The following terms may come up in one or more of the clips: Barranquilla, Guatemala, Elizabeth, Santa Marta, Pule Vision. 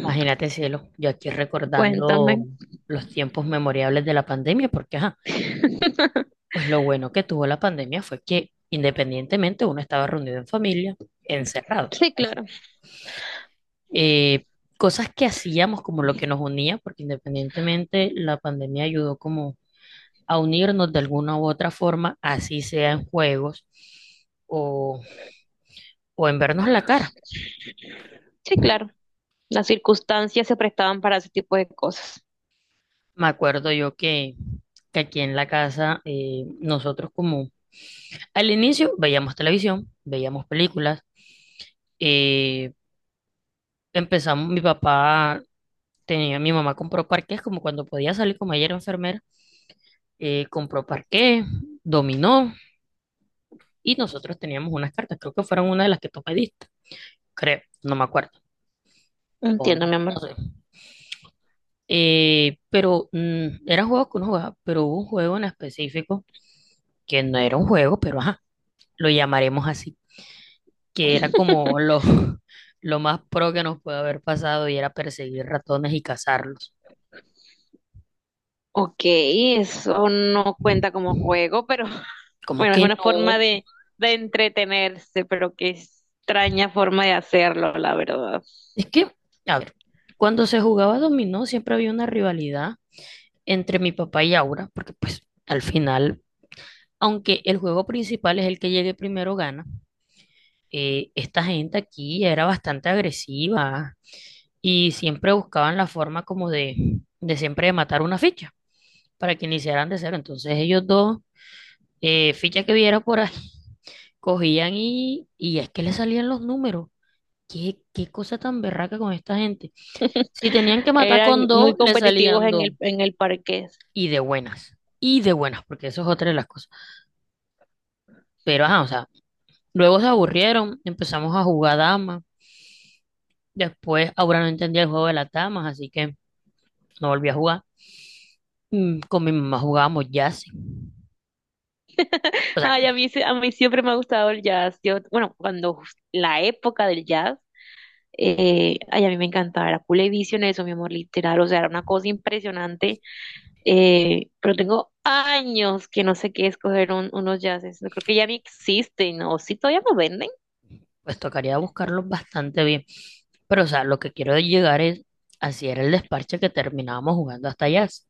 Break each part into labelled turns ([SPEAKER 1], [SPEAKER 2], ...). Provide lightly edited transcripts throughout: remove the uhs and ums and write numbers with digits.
[SPEAKER 1] Imagínate, cielo, yo aquí recordando
[SPEAKER 2] Cuéntame.
[SPEAKER 1] los tiempos memorables de la pandemia, porque ajá, pues lo bueno que tuvo la pandemia fue que independientemente uno estaba reunido en familia, encerrados.
[SPEAKER 2] Sí,
[SPEAKER 1] Así.
[SPEAKER 2] claro.
[SPEAKER 1] Eh, Cosas que hacíamos como lo que nos unía, porque independientemente la pandemia ayudó como a unirnos de alguna u otra forma, así sea en juegos o, o en vernos la cara.
[SPEAKER 2] Sí, claro. Las circunstancias se prestaban para ese tipo de cosas.
[SPEAKER 1] Me acuerdo yo Que aquí en la casa nosotros como al inicio veíamos televisión, veíamos películas, eh, Empezamos, mi papá mi mamá compró parqués, como cuando podía salir, como ella era enfermera. Compró parqués, dominó, y nosotros teníamos unas cartas, creo que fueron una de las que tú pediste, creo, no me acuerdo, o no,
[SPEAKER 2] Entiendo, mi
[SPEAKER 1] no
[SPEAKER 2] amor.
[SPEAKER 1] sé. Pero eran juegos que uno jugaba, pero hubo un juego en específico que no era un juego, pero ajá, lo llamaremos así, que era como lo, lo más pro que nos puede haber pasado, y era perseguir ratones y cazarlos.
[SPEAKER 2] Ok, eso no cuenta como juego, pero
[SPEAKER 1] Como
[SPEAKER 2] bueno, es
[SPEAKER 1] que
[SPEAKER 2] una forma
[SPEAKER 1] no,
[SPEAKER 2] de entretenerse, pero qué extraña forma de hacerlo, la verdad.
[SPEAKER 1] es que, a ver, cuando se jugaba dominó siempre había una rivalidad entre mi papá y Aura, porque pues al final, aunque el juego principal es el que llegue primero gana, esta gente aquí era bastante agresiva y siempre buscaban la forma como de siempre de matar una ficha para que iniciaran de cero. Entonces ellos dos, ficha que viera por ahí, y es que le salían los números. ¿Qué, qué cosa tan berraca con esta gente? Si tenían que matar
[SPEAKER 2] Eran
[SPEAKER 1] con dos,
[SPEAKER 2] muy
[SPEAKER 1] le
[SPEAKER 2] competitivos
[SPEAKER 1] salían
[SPEAKER 2] en
[SPEAKER 1] dos.
[SPEAKER 2] el parqués.
[SPEAKER 1] Y de buenas. Y de buenas, porque eso es otra de las cosas. Pero, ajá, o sea, luego se aburrieron, empezamos a jugar damas. Después, ahora no entendía el juego de las damas, así que no volví a jugar. Con mi mamá jugábamos jazz. O sea,
[SPEAKER 2] Ay, a mí, a mí siempre me ha gustado el jazz. Yo, bueno, cuando la época del jazz. Ay, a mí me encantaba, era Pule Vision eso, mi amor, literal, o sea, era una cosa impresionante, pero tengo años que no sé qué escoger unos jazzes, no creo que ya ni existen, o si todavía no venden,
[SPEAKER 1] pues tocaría buscarlos bastante bien. Pero, o sea, lo que quiero llegar es, así era el desparche que terminábamos jugando hasta jazz.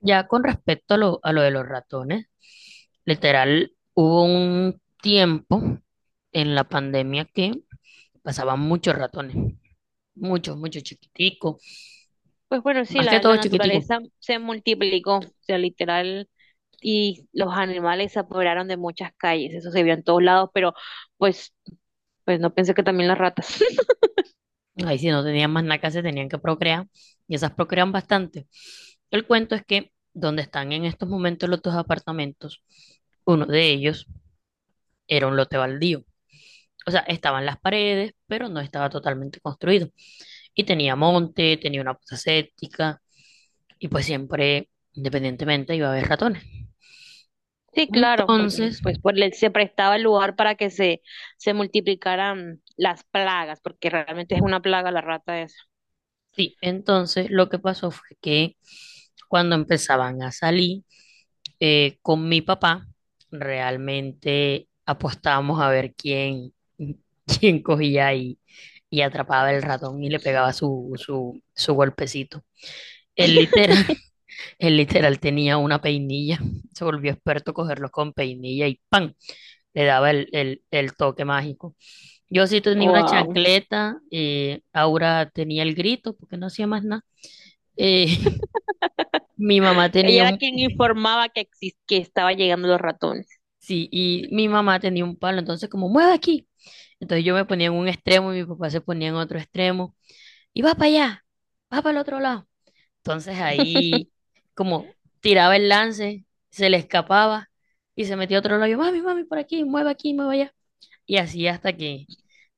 [SPEAKER 1] Ya con respecto a a lo de los ratones, literal, hubo un tiempo en la pandemia que pasaban muchos ratones, muchos, muchos chiquiticos,
[SPEAKER 2] pues bueno, sí,
[SPEAKER 1] más que
[SPEAKER 2] la,
[SPEAKER 1] todo
[SPEAKER 2] la
[SPEAKER 1] chiquiticos.
[SPEAKER 2] naturaleza se multiplicó, o sea, literal, y los animales se apoderaron de muchas calles, eso se vio en todos lados, pero pues, pues no pensé que también las ratas.
[SPEAKER 1] Ahí sí no tenían más nada que hacer, tenían que procrear, y esas procrean bastante. El cuento es que donde están en estos momentos los dos apartamentos, uno de ellos era un lote baldío. O sea, estaban las paredes, pero no estaba totalmente construido. Y tenía monte, tenía una fosa séptica y pues siempre, independientemente, iba a haber ratones.
[SPEAKER 2] Sí, claro, porque
[SPEAKER 1] Entonces,
[SPEAKER 2] pues por se prestaba el lugar para que se multiplicaran las plagas, porque realmente es una plaga la rata esa.
[SPEAKER 1] sí, entonces lo que pasó fue que cuando empezaban a salir con mi papá, realmente apostábamos a ver quién, quién cogía y atrapaba el ratón y le pegaba su golpecito. Él literal, Él literal tenía una peinilla, se volvió experto cogerlos con peinilla y ¡pam! Le daba el el toque mágico. Yo sí tenía una
[SPEAKER 2] Wow.
[SPEAKER 1] chancleta, Aura tenía el grito porque no hacía más nada. Eh, mi mamá
[SPEAKER 2] Ella
[SPEAKER 1] tenía
[SPEAKER 2] era
[SPEAKER 1] un,
[SPEAKER 2] quien informaba que, que estaba llegando los ratones.
[SPEAKER 1] sí, y mi mamá tenía un palo, entonces como, mueve aquí. Entonces yo me ponía en un extremo y mi papá se ponía en otro extremo y va para allá, va para el otro lado. Entonces ahí, como tiraba el lance, se le escapaba y se metía a otro lado. Yo, mami, mami, por aquí, mueve allá. Y así hasta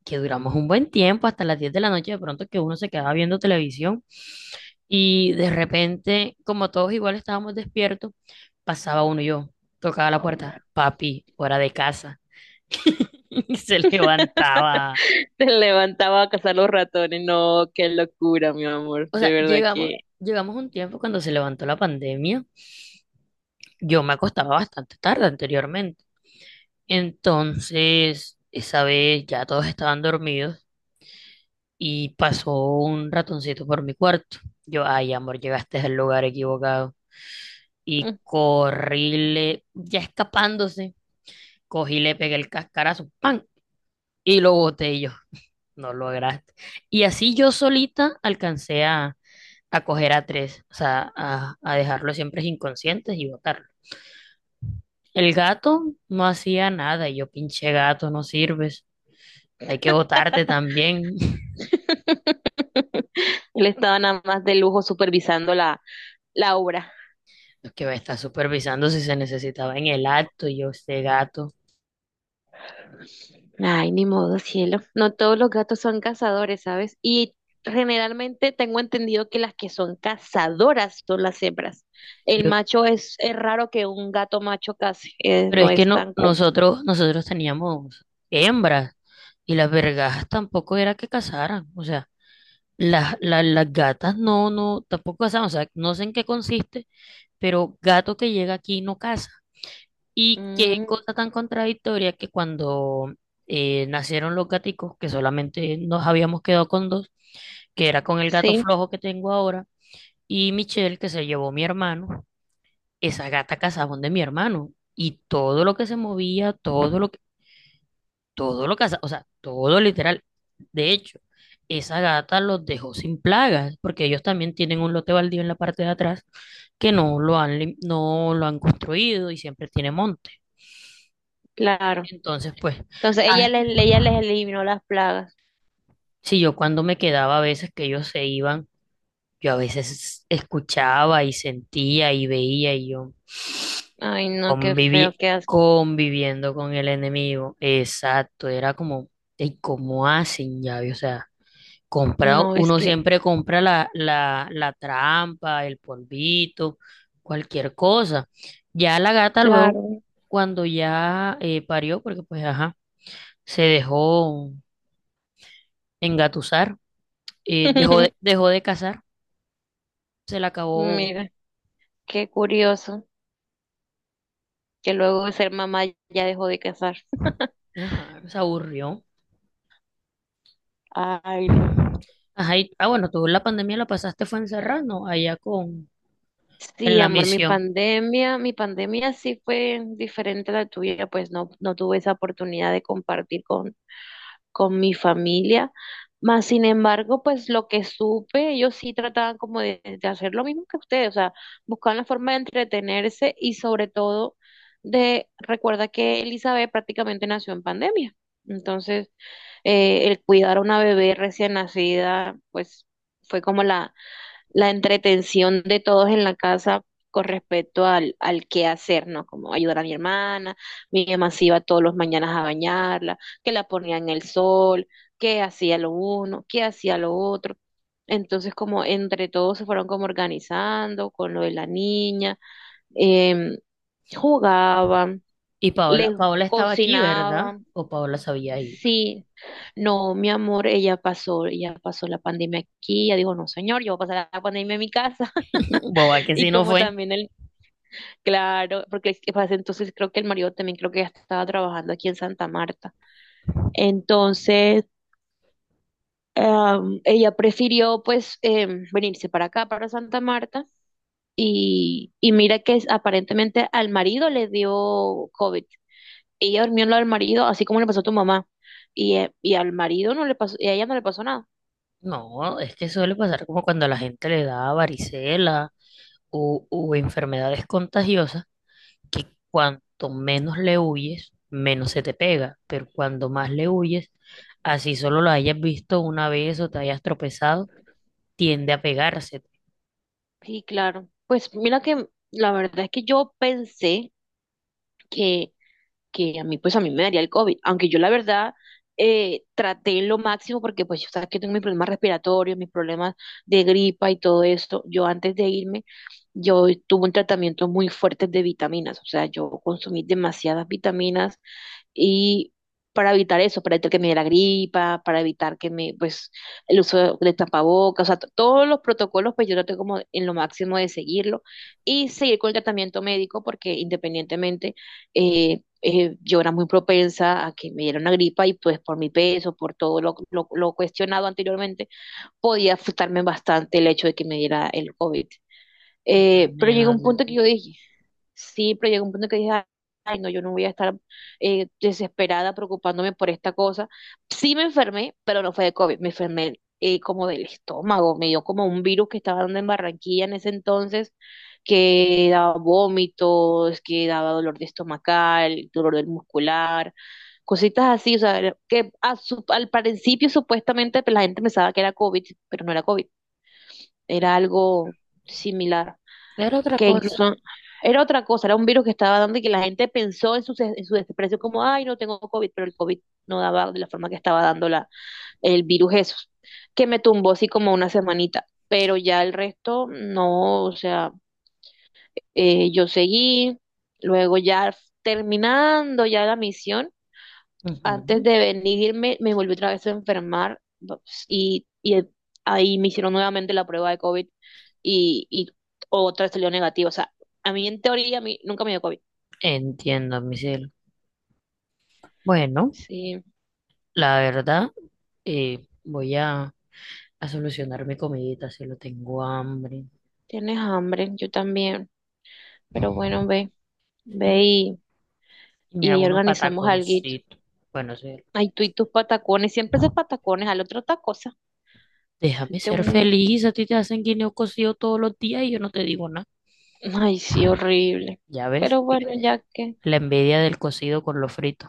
[SPEAKER 1] que duramos un buen tiempo, hasta las 10 de la noche, de pronto que uno se quedaba viendo televisión. Y de repente, como todos igual estábamos despiertos, pasaba uno y yo, tocaba la puerta, papi, hora de casa. Y se levantaba.
[SPEAKER 2] Se levantaba a cazar los ratones. No, qué locura, mi amor.
[SPEAKER 1] O
[SPEAKER 2] De
[SPEAKER 1] sea,
[SPEAKER 2] verdad que
[SPEAKER 1] llegamos un tiempo cuando se levantó la pandemia. Yo me acostaba bastante tarde anteriormente. Entonces, esa vez ya todos estaban dormidos y pasó un ratoncito por mi cuarto. Yo, ay, amor, llegaste al lugar equivocado. Y corríle, ya escapándose, cogí, le pegué el cascarazo, ¡pam! Y lo boté y yo. No lograste. Y así yo solita alcancé a coger a tres, o sea, a dejarlos siempre inconscientes y botarlos. El gato no hacía nada y yo, pinche gato, no sirves. Hay que botarte también.
[SPEAKER 2] él estaba nada más de lujo supervisando la obra.
[SPEAKER 1] Lo que va a estar supervisando si se necesitaba en el acto, y yo este gato.
[SPEAKER 2] Ay, ni modo, cielo. No todos los gatos son cazadores, ¿sabes? Y generalmente tengo entendido que las que son cazadoras son las hembras. El
[SPEAKER 1] Yo,
[SPEAKER 2] macho es raro que un gato macho case,
[SPEAKER 1] pero
[SPEAKER 2] no
[SPEAKER 1] es que
[SPEAKER 2] es
[SPEAKER 1] no,
[SPEAKER 2] tan común.
[SPEAKER 1] nosotros teníamos hembras, y las vergas tampoco era que cazaran. O sea, las gatas no, no, tampoco cazaban. O sea, no sé en qué consiste, pero gato que llega aquí no caza. Y qué
[SPEAKER 2] Mm,
[SPEAKER 1] cosa tan contradictoria que cuando nacieron los gaticos, que solamente nos habíamos quedado con dos, que era con el gato
[SPEAKER 2] sí,
[SPEAKER 1] flojo que tengo ahora, y Michelle, que se llevó mi hermano, esa gata cazaba donde mi hermano, y todo lo que se movía, todo lo cazaba, o sea, todo literal. De hecho, esa gata los dejó sin plagas porque ellos también tienen un lote baldío en la parte de atrás que no lo han no lo han construido y siempre tiene monte.
[SPEAKER 2] claro.
[SPEAKER 1] Entonces, pues,
[SPEAKER 2] Entonces
[SPEAKER 1] ah,
[SPEAKER 2] ella les eliminó las plagas.
[SPEAKER 1] si yo cuando me quedaba a veces que ellos se iban, yo a veces escuchaba y sentía y veía y yo,
[SPEAKER 2] Ay, no, qué feo,
[SPEAKER 1] Convivi-
[SPEAKER 2] qué asco.
[SPEAKER 1] conviviendo con el enemigo. Exacto, era como, ¿y cómo hacen llave? O sea, comprado,
[SPEAKER 2] No, es
[SPEAKER 1] uno
[SPEAKER 2] que,
[SPEAKER 1] siempre compra la trampa, el polvito, cualquier cosa. Ya la gata luego,
[SPEAKER 2] claro.
[SPEAKER 1] cuando ya parió, porque pues ajá, se dejó engatusar, dejó de cazar, se la acabó,
[SPEAKER 2] Mira, qué curioso que luego de ser mamá ya dejó de cazar.
[SPEAKER 1] ajá, se aburrió.
[SPEAKER 2] Ay, no.
[SPEAKER 1] Ajá, y- ah, bueno, tú la pandemia la pasaste fue encerrada, ¿no? Allá con, en
[SPEAKER 2] Sí,
[SPEAKER 1] la
[SPEAKER 2] amor,
[SPEAKER 1] misión.
[SPEAKER 2] mi pandemia sí fue diferente a la tuya, pues no, no tuve esa oportunidad de compartir con mi familia. Más sin embargo, pues lo que supe, ellos sí trataban como de hacer lo mismo que ustedes, o sea, buscaban la forma de entretenerse y sobre todo de, recuerda que Elizabeth prácticamente nació en pandemia. Entonces, el cuidar a una bebé recién nacida, pues fue como la entretención de todos en la casa con respecto al, al qué hacer, ¿no? Como ayudar a mi hermana, mi mamá se iba todos los mañanas a bañarla, que la ponía en el sol, que hacía lo uno, que hacía lo otro. Entonces, como entre todos se fueron como organizando con lo de la niña, em, jugaban,
[SPEAKER 1] Y Paola,
[SPEAKER 2] les
[SPEAKER 1] Paola estaba aquí, ¿verdad?
[SPEAKER 2] cocinaban,
[SPEAKER 1] O Paola se había ido.
[SPEAKER 2] sí. No, mi amor, ella pasó la pandemia aquí, ella dijo, no, señor, yo voy a pasar la pandemia en mi casa.
[SPEAKER 1] Boba, que
[SPEAKER 2] Y
[SPEAKER 1] si no
[SPEAKER 2] como
[SPEAKER 1] fue.
[SPEAKER 2] también el, claro, porque es que pasa, entonces creo que el marido también creo que ya estaba trabajando aquí en Santa Marta. Entonces, ella prefirió pues venirse para acá, para Santa Marta. Y mira que aparentemente al marido le dio COVID. Ella durmió en lo del marido, así como le pasó a tu mamá. Y al marido no le pasó, y a ella no le pasó nada.
[SPEAKER 1] No, es que suele pasar como cuando a la gente le da varicela o enfermedades contagiosas, que cuanto menos le huyes, menos se te pega. Pero cuando más le huyes, así solo lo hayas visto una vez o te hayas tropezado, tiende a pegarse.
[SPEAKER 2] Sí, claro. Pues mira que la verdad es que yo pensé que que a mí, pues a mí me daría el COVID, aunque yo la verdad traté lo máximo porque pues yo sabes que tengo mis problemas respiratorios, mis problemas de gripa y todo esto. Yo antes de irme, yo tuve un tratamiento muy fuerte de vitaminas, o sea, yo consumí demasiadas vitaminas y para evitar eso, para evitar que me dé la gripa, para evitar que me, pues, el uso de tapabocas, o sea, todos los protocolos, pues yo traté como en lo máximo de seguirlo y seguir con el tratamiento médico porque independientemente yo era muy propensa a que me diera una gripa y pues por mi peso, por todo lo cuestionado anteriormente, podía afectarme bastante el hecho de que me diera el COVID.
[SPEAKER 1] Ah,
[SPEAKER 2] Pero llegó
[SPEAKER 1] nena,
[SPEAKER 2] un punto que yo dije, sí, pero llegó un punto que dije, ay, no, yo no voy a estar desesperada preocupándome por esta cosa. Sí me enfermé, pero no fue de COVID, me enfermé como del estómago, me dio como un virus que estaba dando en Barranquilla en ese entonces, que daba vómitos, que daba dolor de estomacal, dolor del muscular, cositas así, o sea, que a al principio supuestamente pues, la gente pensaba que era COVID, pero no era COVID, era algo similar
[SPEAKER 1] era otra
[SPEAKER 2] que
[SPEAKER 1] cosa.
[SPEAKER 2] incluso era otra cosa, era un virus que estaba dando y que la gente pensó en su, en su desprecio como, ay, no tengo COVID, pero el COVID no daba de la forma que estaba dando la, el virus eso, que me tumbó así como una semanita, pero ya el resto no, o sea, yo seguí, luego ya terminando ya la misión, antes
[SPEAKER 1] Ujú.
[SPEAKER 2] de venirme, me volví otra vez a enfermar no, pues, y, ahí me hicieron nuevamente la prueba de COVID y otra vez salió negativa. O sea, a mí en teoría a mí nunca me dio COVID.
[SPEAKER 1] Entiendo, mi cielo. Bueno,
[SPEAKER 2] Sí,
[SPEAKER 1] la verdad. Voy a solucionar mi comidita, si lo tengo hambre,
[SPEAKER 2] tienes hambre, yo también. Pero bueno, ve, ve
[SPEAKER 1] ¿sí? Y
[SPEAKER 2] y
[SPEAKER 1] me
[SPEAKER 2] ahí
[SPEAKER 1] hago unos
[SPEAKER 2] organizamos alguito.
[SPEAKER 1] pataconcitos. Bueno, sí,
[SPEAKER 2] Ay, tú y tus patacones, siempre haces patacones, al otro otra cosa.
[SPEAKER 1] déjame
[SPEAKER 2] Este
[SPEAKER 1] ser
[SPEAKER 2] un...
[SPEAKER 1] feliz, a ti te hacen guineo cocido todos los días y yo no te digo nada.
[SPEAKER 2] Ay, sí, horrible.
[SPEAKER 1] Ya ves,
[SPEAKER 2] Pero bueno, ya que...
[SPEAKER 1] la envidia del cocido con lo frito.